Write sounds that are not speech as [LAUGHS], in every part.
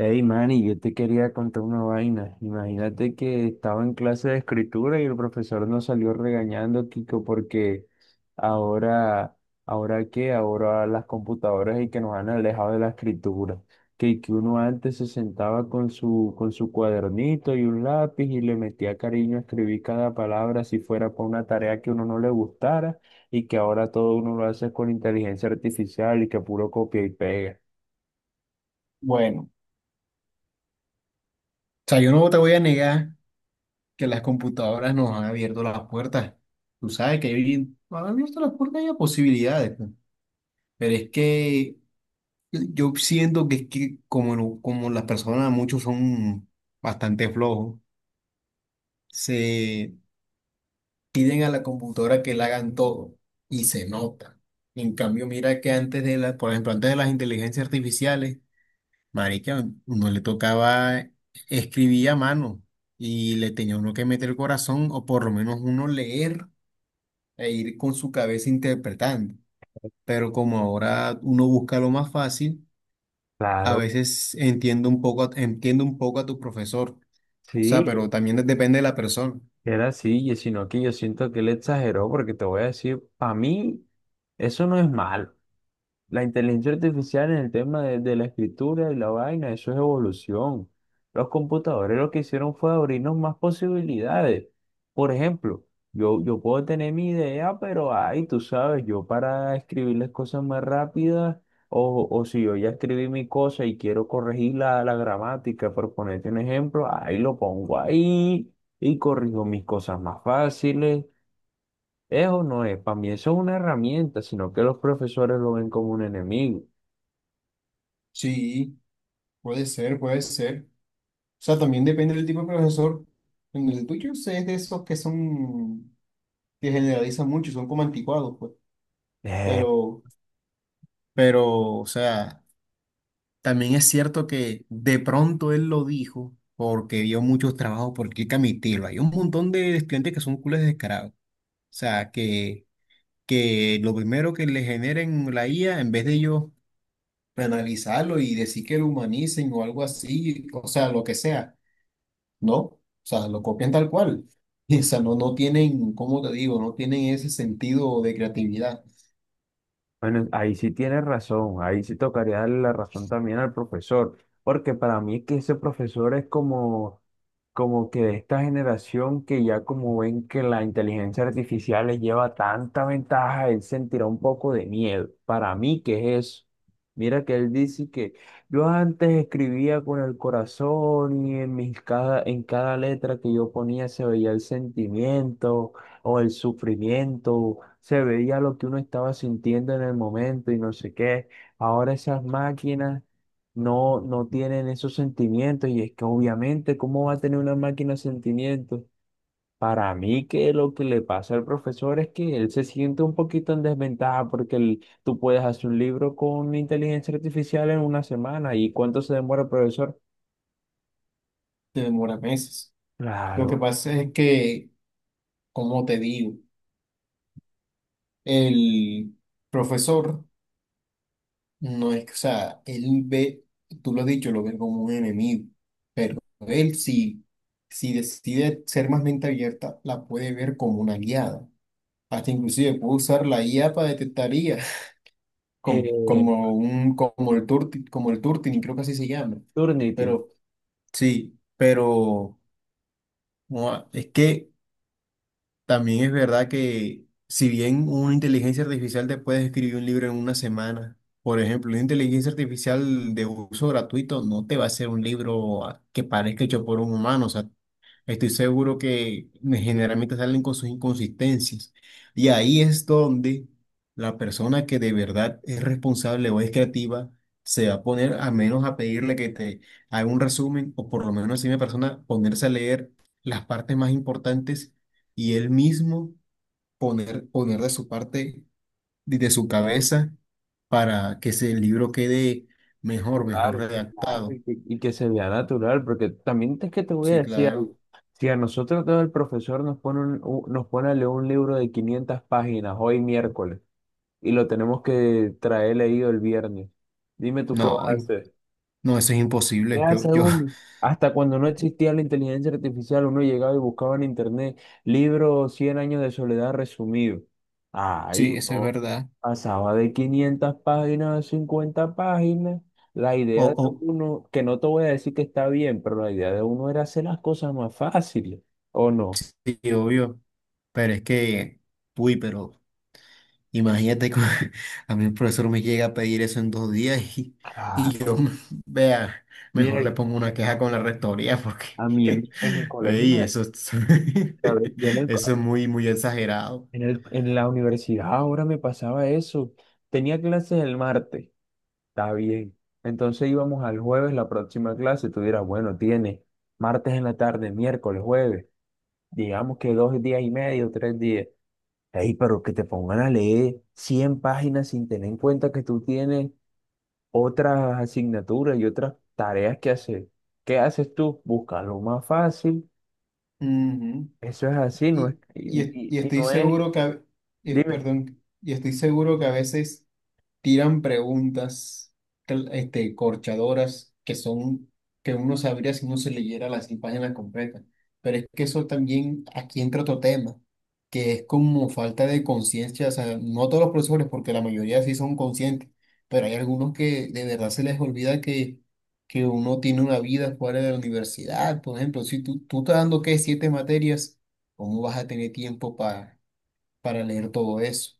Hey, Manny, yo te quería contar una vaina. Imagínate que estaba en clase de escritura y el profesor nos salió regañando, Kiko, porque ahora, ¿ahora qué? Ahora las computadoras y que nos han alejado de la escritura. Que uno antes se sentaba con su cuadernito y un lápiz y le metía cariño a escribir cada palabra si fuera para una tarea que uno no le gustara, y que ahora todo uno lo hace con inteligencia artificial y que puro copia y pega. Bueno, o sea, yo no te voy a negar que las computadoras nos han abierto las puertas. Tú sabes que nos han abierto las puertas y a posibilidades, pues. Pero es que yo siento que es que como, como las personas, muchos son bastante flojos, se piden a la computadora que le hagan todo y se nota. En cambio, mira que antes de la, por ejemplo, antes de las inteligencias artificiales, marica, uno le tocaba escribir a mano y le tenía uno que meter el corazón o por lo menos uno leer e ir con su cabeza interpretando. Pero como ahora uno busca lo más fácil, a Claro. veces entiendo un poco, entiendo un poco a tu profesor. O sea, Sí. pero también depende de la persona. Era así, y sino que yo siento que él exageró, porque te voy a decir, para mí, eso no es malo. La inteligencia artificial en el tema de la escritura y la vaina, eso es evolución. Los computadores lo que hicieron fue abrirnos más posibilidades. Por ejemplo, yo puedo tener mi idea, pero ay, tú sabes, yo para escribirles cosas más rápidas, o si yo ya escribí mi cosa y quiero corregir la gramática, por ponerte un ejemplo, ahí lo pongo ahí y corrijo mis cosas más fáciles. Eso no es, para mí eso es una herramienta, sino que los profesores lo ven como un enemigo. Sí, puede ser. O sea, también depende del tipo de profesor. En el tuyo sé es de esos que son, que generalizan mucho, son como anticuados, pues. Eh, Pero Pero, o sea, también es cierto que de pronto él lo dijo porque vio muchos trabajos por aquí Camitilo. Hay un montón de estudiantes que son culos descarados. O sea, que lo primero que le generen la IA, en vez de ellos penalizarlo y decir que lo humanicen o algo así, o sea, lo que sea, no. O sea, lo copian tal cual. [LAUGHS] O sea, no tienen, ¿cómo te digo? No tienen ese sentido de creatividad. bueno, ahí sí tienes razón, ahí sí tocaría darle la razón también al profesor, porque para mí es que ese profesor es como, como que de esta generación que ya como ven que la inteligencia artificial les lleva tanta ventaja, él sentirá un poco de miedo. Para mí, ¿qué es eso? Mira que él dice que yo antes escribía con el corazón y en mis cada, en cada letra que yo ponía se veía el sentimiento, o el sufrimiento, se veía lo que uno estaba sintiendo en el momento y no sé qué. Ahora esas máquinas no tienen esos sentimientos y es que obviamente, ¿cómo va a tener una máquina sentimientos? Para mí que lo que le pasa al profesor es que él se siente un poquito en desventaja porque el- tú puedes hacer un libro con inteligencia artificial en una semana. ¿Y cuánto se demora el profesor? Te demora meses. Lo que Claro. pasa es que, como te digo? El profesor no es que, o sea, él ve, tú lo has dicho, lo ve como un enemigo, pero él si, si decide ser más mente abierta, la puede ver como una aliada. Hasta inclusive puede usar la IA para detectar IA, [LAUGHS] como, Eh, como, un, como el Turti, como el Turtini, creo que así se llama. Turnitin. Pero sí, pero no, es que también es verdad que si bien una inteligencia artificial te puede escribir un libro en 1 semana, por ejemplo, una inteligencia artificial de uso gratuito no te va a hacer un libro que parezca hecho por un humano, o sea, estoy seguro que generalmente salen con sus inconsistencias. Y ahí es donde la persona que de verdad es responsable o es creativa se va a poner a menos a pedirle que te haga un resumen o por lo menos si una persona ponerse a leer las partes más importantes y él mismo poner de su parte, de su cabeza para que ese libro quede mejor Natural, claro, redactado. Y que se vea natural, porque también es que te voy a Sí, decir algo. claro. Si a nosotros todo el profesor nos pone un, u- nos pone a leer un libro de 500 páginas hoy miércoles y lo tenemos que traer leído el viernes, dime tú qué vas No, a hacer. no, eso es imposible. Ya, Yo, yo. según, hasta cuando no [LAUGHS] existía la inteligencia artificial, uno llegaba y buscaba en internet libros 100 años de soledad resumido. Ahí Sí, eso es uno verdad. pasaba de 500 páginas a 50 páginas. La O, idea de o, uno, que no te voy a decir que está bien, pero la idea de uno era hacer las cosas más fáciles, ¿o no? sí, obvio. Pero es que, uy, pero imagínate que [LAUGHS] a mí el profesor me llega a pedir eso en 2 días y yo, Claro. [LAUGHS] vea, mejor le Mire, pongo una queja con la rectoría porque, a mí [LAUGHS] en mi colegio, ey, me- ¿sabe? Yo en [LAUGHS] el co- eso es muy exagerado. en el- en la universidad ahora me pasaba eso. Tenía clases el martes. Está bien. Entonces íbamos al jueves, la próxima clase. Tú dirás, bueno, tiene martes en la tarde, miércoles, jueves. Digamos que dos días y medio, tres días. Ey, pero que te pongan a leer 100 páginas sin tener en cuenta que tú tienes otras asignaturas y otras tareas que hacer. ¿Qué haces tú? Busca lo más fácil. Ujú. Eso es así, no es, Y, y, y- y y estoy no es, seguro que, dime. perdón, y estoy seguro que a veces... tiran preguntas este, corchadoras que son que uno sabría si uno se leyera las 100 páginas completas. Pero es que eso también aquí entra otro tema, que es como falta de conciencia. O sea, no todos los profesores, porque la mayoría sí son conscientes, pero hay algunos que de verdad se les olvida que uno tiene una vida fuera de la universidad. Por ejemplo, si tú estás dando, ¿qué? 7 materias, ¿cómo vas a tener tiempo para leer todo eso,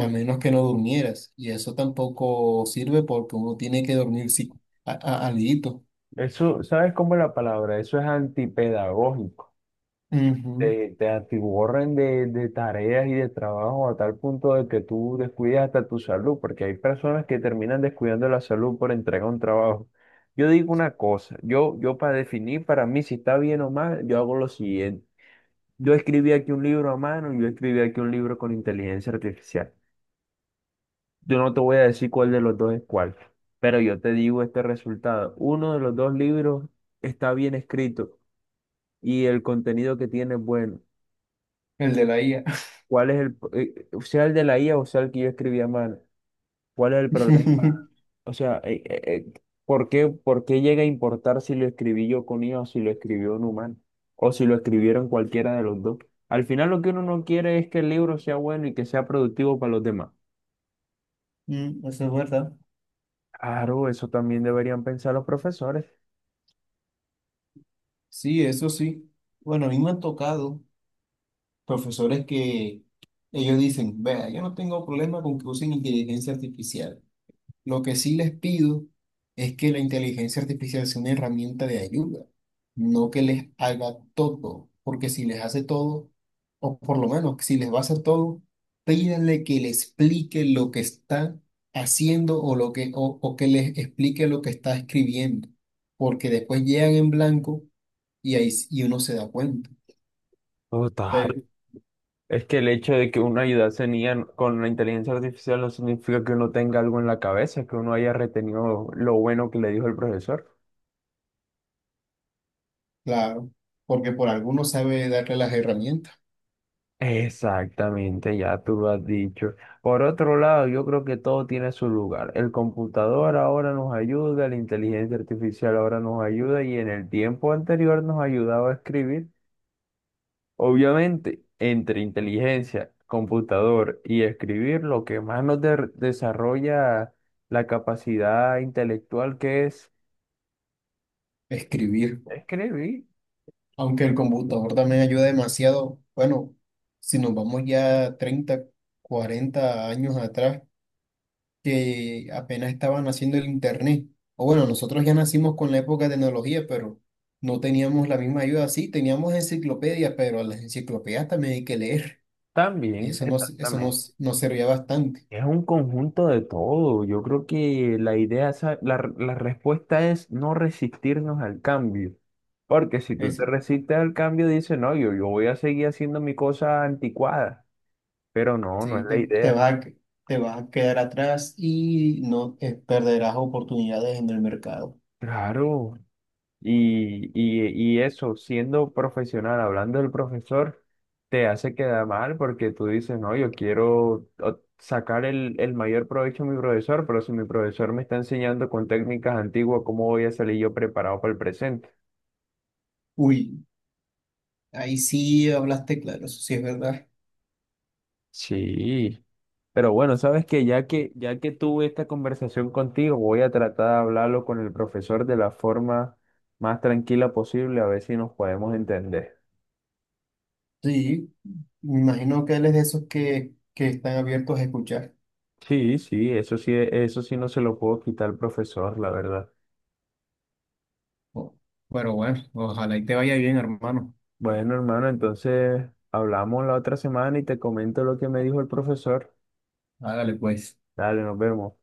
a menos que no durmieras. Y eso tampoco sirve porque uno tiene que dormir sí, alguito. Eso, ¿sabes cómo es la palabra? Eso es antipedagógico. Ujú. Te atiborran de tareas y de trabajo a tal punto de que tú descuidas hasta tu salud, porque hay personas que terminan descuidando la salud por entregar un trabajo. Yo digo una cosa, yo para definir para mí si está bien o mal, yo hago lo siguiente. Yo escribí aquí un libro a mano y yo escribí aquí un libro con inteligencia artificial. Yo no te voy a decir cuál de los dos es cuál, pero yo te digo este resultado. Uno de los dos libros está bien escrito y el contenido que tiene es bueno. El de la IA. ¿Cuál es el, sea el de la IA o sea el que yo escribía mal? ¿Cuál es el problema? [LAUGHS] O sea, eh, por qué llega a importar si lo escribí yo con IA o si lo escribió un humano? O si lo escribieron cualquiera de los dos. Al final lo que uno no quiere es que el libro sea bueno y que sea productivo para los demás. Mm, eso es verdad. Claro, eso también deberían pensar los profesores. Sí, eso sí. Bueno, a mí me han tocado profesores que ellos dicen, vea, yo no tengo problema con que usen inteligencia artificial. Lo que sí les pido es que la inteligencia artificial sea una herramienta de ayuda, no que les haga todo, porque si les hace todo, o por lo menos si les va a hacer todo, pídanle que le explique lo que está haciendo o, lo que, o que les explique lo que está escribiendo, porque después llegan en blanco y ahí y uno se da cuenta. Total. Pero, Es que el hecho de que uno ayudase en IA con la inteligencia artificial no significa que uno tenga algo en la cabeza, que uno haya retenido lo bueno que le dijo el profesor. claro, porque por alguno sabe darle las herramientas, Exactamente, ya tú lo has dicho. Por otro lado, yo creo que todo tiene su lugar. El computador ahora nos ayuda, la inteligencia artificial ahora nos ayuda y en el tiempo anterior nos ayudaba a escribir. Obviamente, entre inteligencia, computador y escribir, lo que más nos de- desarrolla la capacidad intelectual que es escribir. escribir Aunque el computador también ayuda demasiado, bueno, si nos vamos ya 30, 40 años atrás, que apenas estaba naciendo el Internet. O bueno, nosotros ya nacimos con la época de tecnología, pero no teníamos la misma ayuda. Sí, teníamos enciclopedias, pero a las enciclopedias también hay que leer. Y también, eso nos, eso exactamente. nos, nos servía bastante. Es un conjunto de todo. Yo creo que la idea, sa- la, r- la respuesta es no resistirnos al cambio. Porque si tú te Eso, resistes al cambio, dices, no, yo voy a seguir haciendo mi cosa anticuada. Pero no, no es sí, la te idea. vas a, te vas a quedar atrás y no perderás oportunidades en el mercado. Claro. Y eso, siendo profesional, hablando del profesor, te hace quedar mal porque tú dices, no, yo quiero o- sacar el mayor provecho a mi profesor, pero si mi profesor me está enseñando con técnicas antiguas, ¿cómo voy a salir yo preparado para el presente? Uy. Ahí sí hablaste claro, eso sí es verdad. Sí, pero bueno, sabes que ya que tuve esta conversación contigo, voy a tratar de hablarlo con el profesor de la forma más tranquila posible, a ver si nos podemos entender. Sí, me imagino que él es de esos que están abiertos a escuchar. Sí, sí, eso sí, eso sí no se lo puedo quitar al profesor, la verdad. Oh, pero bueno, ojalá y te vaya bien, hermano. Bueno, hermano, entonces hablamos la otra semana y te comento lo que me dijo el profesor. Hágale pues. Dale, nos vemos.